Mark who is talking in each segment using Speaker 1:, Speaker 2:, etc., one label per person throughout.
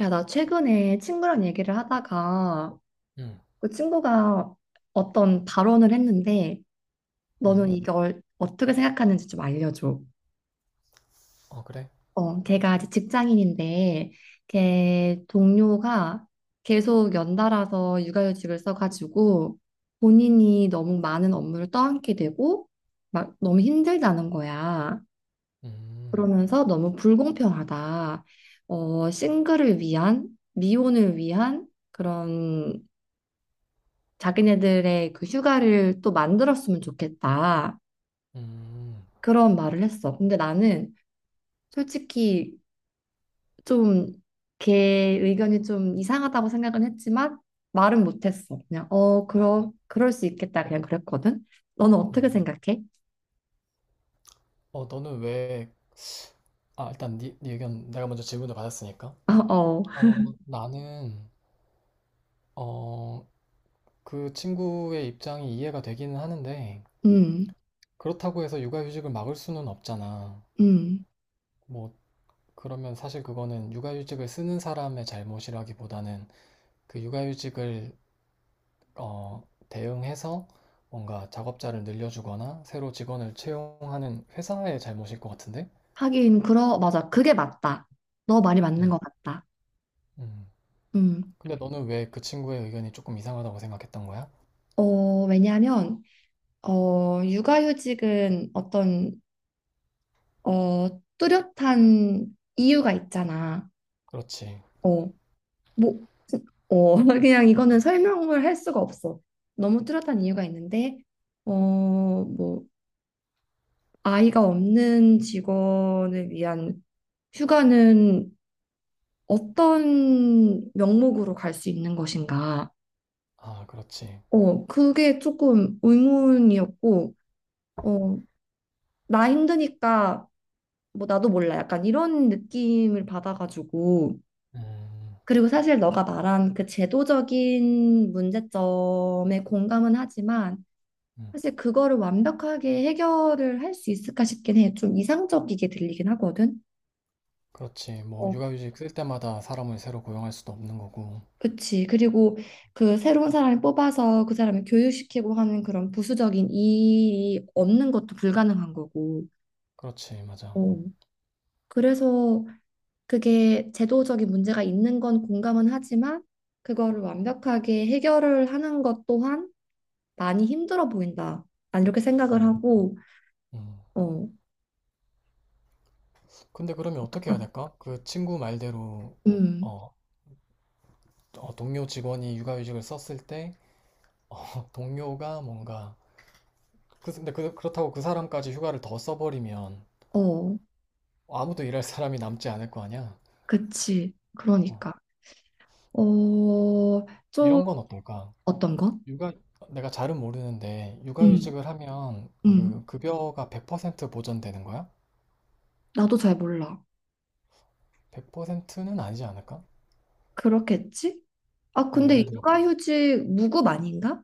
Speaker 1: 야, 나 최근에 친구랑 얘기를 하다가
Speaker 2: 음.
Speaker 1: 그 친구가 어떤 발언을 했는데 너는
Speaker 2: 음.
Speaker 1: 이걸 어떻게 생각하는지 좀 알려줘.
Speaker 2: 어, 그래?
Speaker 1: 걔가 이제 직장인인데 걔 동료가 계속 연달아서 육아휴직을 써가지고 본인이 너무 많은 업무를 떠안게 되고 막 너무 힘들다는 거야.
Speaker 2: 음.
Speaker 1: 그러면서 너무 불공평하다. 싱글을 위한, 미혼을 위한 그런 자기네들의 그 휴가를 또 만들었으면 좋겠다.
Speaker 2: 음.
Speaker 1: 그런 말을 했어. 근데 나는 솔직히 좀 걔 의견이 좀 이상하다고 생각은 했지만 말은 못했어. 그냥 그럼 그럴 수 있겠다. 그냥 그랬거든. 너는 어떻게
Speaker 2: 음.
Speaker 1: 생각해?
Speaker 2: 너는 왜, 아, 일단 네 의견, 내가 먼저 질문을 받았으니까.
Speaker 1: 어, 어,
Speaker 2: 어 나는, 어 그 친구의 입장이 이해가 되기는 하는데,
Speaker 1: 음,
Speaker 2: 그렇다고 해서 육아휴직을 막을 수는 없잖아.
Speaker 1: 음.
Speaker 2: 뭐, 그러면 사실 그거는 육아휴직을 쓰는 사람의 잘못이라기보다는 그 육아휴직을 어 대응해서 뭔가 작업자를 늘려주거나 새로 직원을 채용하는 회사의 잘못일 것 같은데?
Speaker 1: 하긴 그러 맞아. 그게 맞다. 너 말이 맞는
Speaker 2: 음.
Speaker 1: 것 같다.
Speaker 2: 음.
Speaker 1: 음.
Speaker 2: 근데 너는 왜 그 친구의 의견이 조금 이상하다고 생각했던 거야?
Speaker 1: 어, 왜냐하면 육아휴직은 어떤 어, 뚜렷한 이유가 있잖아.
Speaker 2: 그렇지.
Speaker 1: 어, 뭐, 어, 그냥 이거는 설명을 할 수가 없어. 너무 뚜렷한 이유가 있는데, 뭐, 아이가 없는 직원을 위한 휴가는 어떤 명목으로 갈 수 있는 것인가?
Speaker 2: 아, 그렇지.
Speaker 1: 그게 조금 의문이었고, 어, 나 힘드니까, 뭐, 나도 몰라. 약간 이런 느낌을 받아가지고,
Speaker 2: 음,
Speaker 1: 그리고 사실 너가 말한 그 제도적인 문제점에 공감은 하지만
Speaker 2: 음.
Speaker 1: 사실 그거를 완벽하게 해결을 할 수 있을까 싶긴 해. 좀 이상적이게 들리긴 하거든.
Speaker 2: 그렇지. 뭐,
Speaker 1: 어,
Speaker 2: 육아휴직 쓸 때마다 사람을 새로 고용할 수도 없는 거고.
Speaker 1: 그치. 그리고 그 새로운 사람을 뽑아서 그 사람을 교육시키고 하는 그런 부수적인 일이 없는 것도 불가능한 거고.
Speaker 2: 그렇지, 맞아.
Speaker 1: 어, 그래서 그게 제도적인 문제가 있는 건 공감은 하지만 그거를 완벽하게 해결을 하는 것 또한 많이 힘들어 보인다. 난 이렇게 생각을
Speaker 2: 음,
Speaker 1: 하고,
Speaker 2: 음.
Speaker 1: 어,
Speaker 2: 근데 그러면 어떻게
Speaker 1: 아,
Speaker 2: 해야 될까? 그 친구 말대로,
Speaker 1: 음,
Speaker 2: 어, 동료 직원이 육아휴직을 썼을 때, 어, 동료가 뭔가, 그렇다고 그 사람까지 휴가를 더 써버리면
Speaker 1: 어,
Speaker 2: 아무도 일할 사람이 남지 않을 거 아니야?
Speaker 1: 그치.
Speaker 2: 어,
Speaker 1: 그러니까. 어, 좀.
Speaker 2: 이런 건 어떨까?
Speaker 1: 어떤 거?
Speaker 2: 육아 내가 잘은 모르는데,
Speaker 1: 음,
Speaker 2: 육아휴직을 하면
Speaker 1: 음,
Speaker 2: 그 급여가 100% 보전되는 거야?
Speaker 1: 나도 잘 몰라.
Speaker 2: 100%는 아니지 않을까?
Speaker 1: 그렇겠지? 아,
Speaker 2: 뭐,
Speaker 1: 근데
Speaker 2: 예를 들어.
Speaker 1: 육아휴직 무급 아닌가?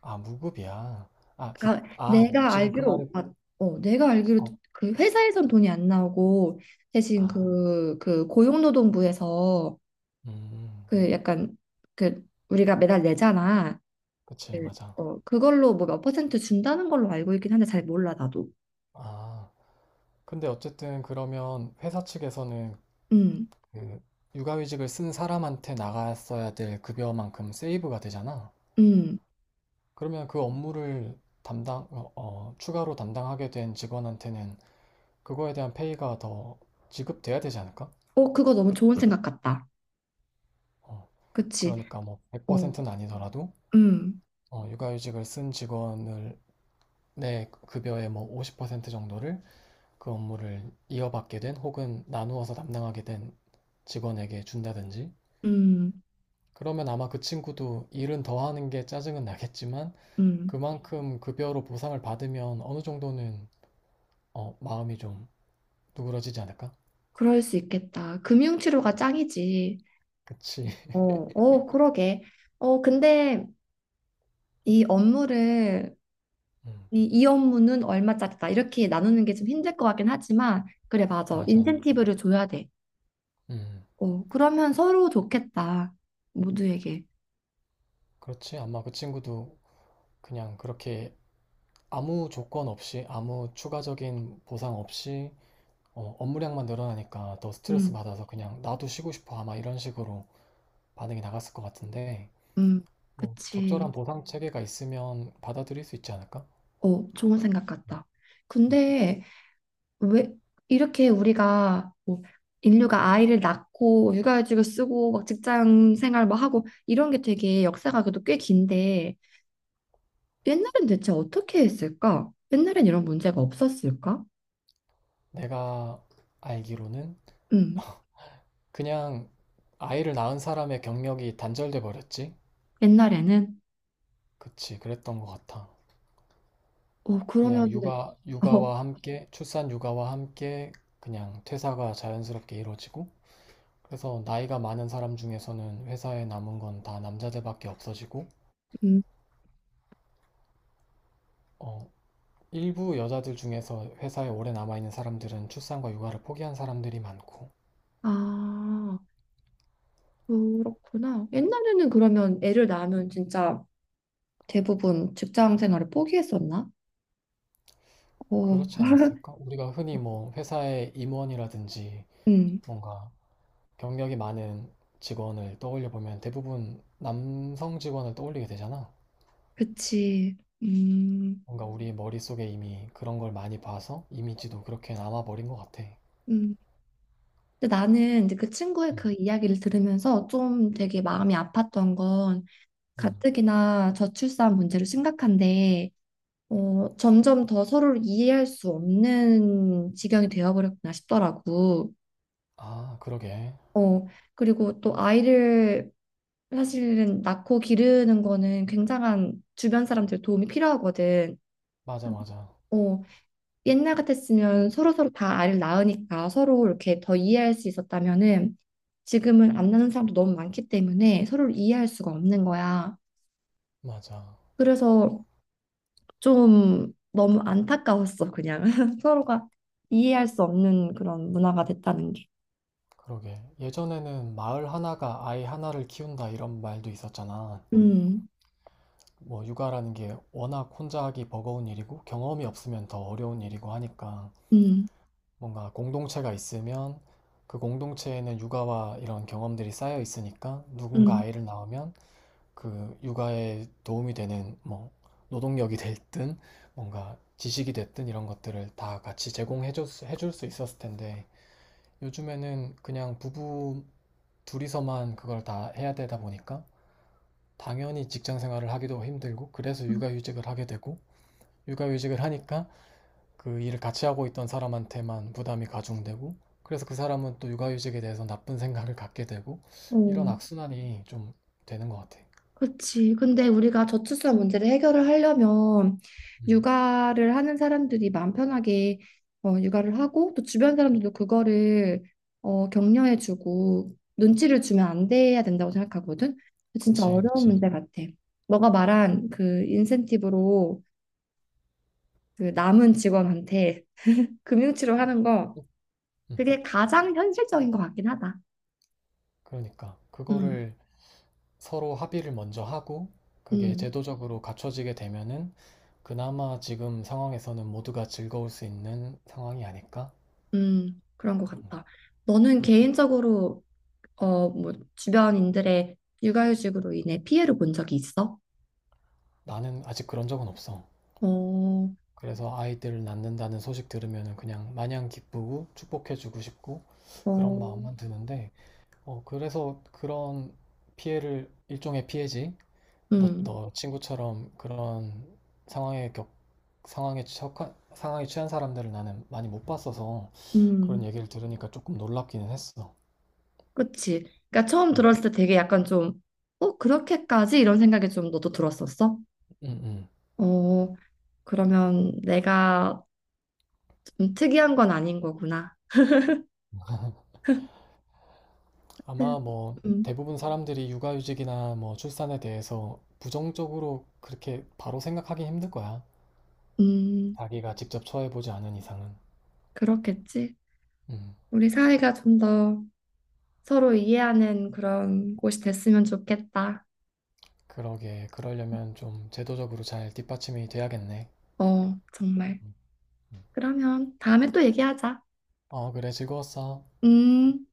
Speaker 2: 아, 무급이야. 아,
Speaker 1: 아,
Speaker 2: 아, 지금 그 말이.
Speaker 1: 내가 알기로
Speaker 2: 어,
Speaker 1: 그 회사에선 돈이 안 나오고 대신
Speaker 2: 아,
Speaker 1: 그 고용노동부에서
Speaker 2: 음,
Speaker 1: 그 약간 그 우리가 매달 내잖아.
Speaker 2: 그치,
Speaker 1: 그,
Speaker 2: 맞아.
Speaker 1: 그걸로 뭐 몇 퍼센트 준다는 걸로 알고 있긴 한데 잘 몰라, 나도.
Speaker 2: 아, 근데 어쨌든 그러면 회사 측에서는
Speaker 1: 음,
Speaker 2: 그 육아휴직을 쓴 사람한테 나갔어야 될 급여만큼 세이브가 되잖아.
Speaker 1: 음.
Speaker 2: 그러면 그 업무를 추가로 담당하게 된 직원한테는 그거에 대한 페이가 더 지급돼야 되지 않을까?
Speaker 1: 어, 그거 너무 좋은 생각 같다.
Speaker 2: 어,
Speaker 1: 그치?
Speaker 2: 그러니까 뭐
Speaker 1: 어,
Speaker 2: 100%는 아니더라도
Speaker 1: 음,
Speaker 2: 육아휴직을 쓴 직원을, 내 급여의 뭐 50% 정도를 그 업무를 이어받게 된, 혹은 나누어서 담당하게 된 직원에게 준다든지.
Speaker 1: 음,
Speaker 2: 그러면 아마 그 친구도 일은 더 하는 게 짜증은 나겠지만,
Speaker 1: 음.
Speaker 2: 그만큼 급여로 보상을 받으면 어느 정도는 마음이 좀 누그러지지 않을까?
Speaker 1: 그럴 수 있겠다. 금융치료가 짱이지.
Speaker 2: 그치.
Speaker 1: 어, 어, 그러게. 근데 이 업무를,
Speaker 2: 음,
Speaker 1: 이 업무는 얼마짜리다. 이렇게 나누는 게 좀 힘들 것 같긴 하지만, 그래, 맞아.
Speaker 2: 맞아.
Speaker 1: 인센티브를 줘야 돼.
Speaker 2: 음,
Speaker 1: 그러면 서로 좋겠다. 모두에게.
Speaker 2: 그렇지. 아마 그 친구도 그냥 그렇게 아무 조건 없이, 아무 추가적인 보상 없이 업무량만 늘어나니까 더 스트레스
Speaker 1: 음,
Speaker 2: 받아서 그냥 나도 쉬고 싶어, 아마 이런 식으로 반응이 나갔을 것 같은데,
Speaker 1: 음.
Speaker 2: 뭐
Speaker 1: 그치.
Speaker 2: 적절한 보상 체계가 있으면 받아들일 수 있지 않을까?
Speaker 1: 어, 좋은 생각 같다.
Speaker 2: 음.
Speaker 1: 근데 왜 이렇게 우리가 뭐 인류가 아이를 낳고 육아휴직을 쓰고 막 직장 생활 뭐 하고 이런 게 되게 역사가 그래도 꽤 긴데 옛날엔 대체 어떻게 했을까? 옛날엔 이런 문제가 없었을까?
Speaker 2: 내가 알기로는,
Speaker 1: 음,
Speaker 2: 그냥 아이를 낳은 사람의 경력이 단절돼 버렸지?
Speaker 1: 옛날에는
Speaker 2: 그치, 그랬던 것 같아.
Speaker 1: 어
Speaker 2: 그냥
Speaker 1: 그러면은 어,
Speaker 2: 육아와 함께, 출산 육아와 함께 그냥 퇴사가 자연스럽게 이루어지고, 그래서 나이가 많은 사람 중에서는 회사에 남은 건 다 남자들밖에 없어지고,
Speaker 1: 음,
Speaker 2: 어, 일부 여자들 중에서 회사에 오래 남아있는 사람들은 출산과 육아를 포기한 사람들이 많고.
Speaker 1: 아 그렇구나. 옛날에는 그러면 애를 낳으면 진짜 대부분 직장 생활을 포기했었나? 어,
Speaker 2: 그렇지 않았을까? 우리가 흔히 뭐 회사의 임원이라든지
Speaker 1: 음.
Speaker 2: 뭔가 경력이 많은 직원을 떠올려 보면 대부분 남성 직원을 떠올리게 되잖아.
Speaker 1: 그치. 음,
Speaker 2: 뭔가 우리 머릿속에 이미 그런 걸 많이 봐서 이미지도 그렇게 남아버린 것 같아.
Speaker 1: 음. 근데 나는 이제 그 친구의
Speaker 2: 음,
Speaker 1: 그 이야기를 들으면서 좀 되게 마음이 아팠던 건
Speaker 2: 음.
Speaker 1: 가뜩이나 저출산 문제로 심각한데 점점 더 서로를 이해할 수 없는 지경이 되어버렸구나 싶더라고.
Speaker 2: 아, 그러게.
Speaker 1: 어, 그리고 또 아이를 사실은 낳고 기르는 거는 굉장한 주변 사람들 도움이 필요하거든.
Speaker 2: 맞아, 맞아.
Speaker 1: 어, 옛날 같았으면 서로서로 다 아이를 낳으니까 서로 이렇게 더 이해할 수 있었다면은 지금은 안 낳는 사람도 너무 많기 때문에 서로를 이해할 수가 없는 거야.
Speaker 2: 맞아.
Speaker 1: 그래서 좀 너무 안타까웠어, 그냥. 서로가 이해할 수 없는 그런 문화가 됐다는 게.
Speaker 2: 그러게. 예전에는 마을 하나가 아이 하나를 키운다, 이런 말도 있었잖아.
Speaker 1: 음,
Speaker 2: 뭐 육아라는 게 워낙 혼자 하기 버거운 일이고, 경험이 없으면 더 어려운 일이고 하니까,
Speaker 1: 음,
Speaker 2: 뭔가 공동체가 있으면 그 공동체에는 육아와 이런 경험들이 쌓여 있으니까 누군가
Speaker 1: 음.
Speaker 2: 아이를 낳으면 그 육아에 도움이 되는 뭐 노동력이 됐든 뭔가 지식이 됐든 이런 것들을 다 같이 제공해 줄 수 있었을 텐데, 요즘에는 그냥 부부 둘이서만 그걸 다 해야 되다 보니까 당연히 직장 생활을 하기도 힘들고, 그래서 육아휴직을 하게 되고, 육아휴직을 하니까 그 일을 같이 하고 있던 사람한테만 부담이 가중되고, 그래서 그 사람은 또 육아휴직에 대해서 나쁜 생각을 갖게 되고, 이런
Speaker 1: 어.
Speaker 2: 악순환이 좀 되는 것 같아.
Speaker 1: 그치. 근데 우리가 저출산 문제를 해결을 하려면
Speaker 2: 음,
Speaker 1: 육아를 하는 사람들이 마음 편하게 육아를 하고 또 주변 사람들도 그거를 격려해주고 눈치를 주면 안 돼야 된다고 생각하거든. 진짜
Speaker 2: 그치,
Speaker 1: 어려운
Speaker 2: 그치.
Speaker 1: 문제 같아. 너가 말한 그 인센티브로 그 남은 직원한테 금융치료 하는 거
Speaker 2: 음,
Speaker 1: 그게 가장 현실적인 것 같긴 하다.
Speaker 2: 그러니까
Speaker 1: 음,
Speaker 2: 그거를 서로 합의를 먼저 하고 그게
Speaker 1: 음,
Speaker 2: 제도적으로 갖춰지게 되면은 그나마 지금 상황에서는 모두가 즐거울 수 있는 상황이 아닐까?
Speaker 1: 음, 그런 것
Speaker 2: 음,
Speaker 1: 같다. 너는
Speaker 2: 음.
Speaker 1: 개인적으로 뭐, 주변인들의 육아휴직으로 인해 피해를 본 적이 있어?
Speaker 2: 나는 아직 그런 적은 없어.
Speaker 1: 어,
Speaker 2: 그래서 아이들을 낳는다는 소식 들으면 그냥 마냥 기쁘고 축복해주고 싶고 그런
Speaker 1: 어,
Speaker 2: 마음만 드는데, 어, 그래서 그런 피해를, 일종의 피해지.
Speaker 1: 음,
Speaker 2: 너 친구처럼 그런 상황에 겪, 상황에 처한, 상황에 취한 사람들을 나는 많이 못 봤어서
Speaker 1: 음,
Speaker 2: 그런 얘기를 들으니까 조금 놀랍기는 했어.
Speaker 1: 그치. 그러니까 처음
Speaker 2: 응,
Speaker 1: 들었을 때 되게 약간 좀, 어, 그렇게까지? 이런 생각이 좀 너도 들었었어?
Speaker 2: 응, 응.
Speaker 1: 어, 그러면 내가 좀 특이한 건 아닌 거구나. 음,
Speaker 2: 아마 뭐
Speaker 1: 음,
Speaker 2: 대부분 사람들이 육아휴직이나 뭐 출산에 대해서 부정적으로 그렇게 바로 생각하기 힘들 거야.
Speaker 1: 음,
Speaker 2: 자기가 직접 처해보지 않은 이상은.
Speaker 1: 그렇겠지.
Speaker 2: 음,
Speaker 1: 우리 사회가 좀 더 서로 이해하는 그런 곳이 됐으면 좋겠다.
Speaker 2: 그러게. 그러려면 좀 제도적으로 잘 뒷받침이 돼야겠네.
Speaker 1: 어, 정말.
Speaker 2: 음, 음.
Speaker 1: 그러면 다음에 또 얘기하자.
Speaker 2: 어, 그래. 즐거웠어.
Speaker 1: 음.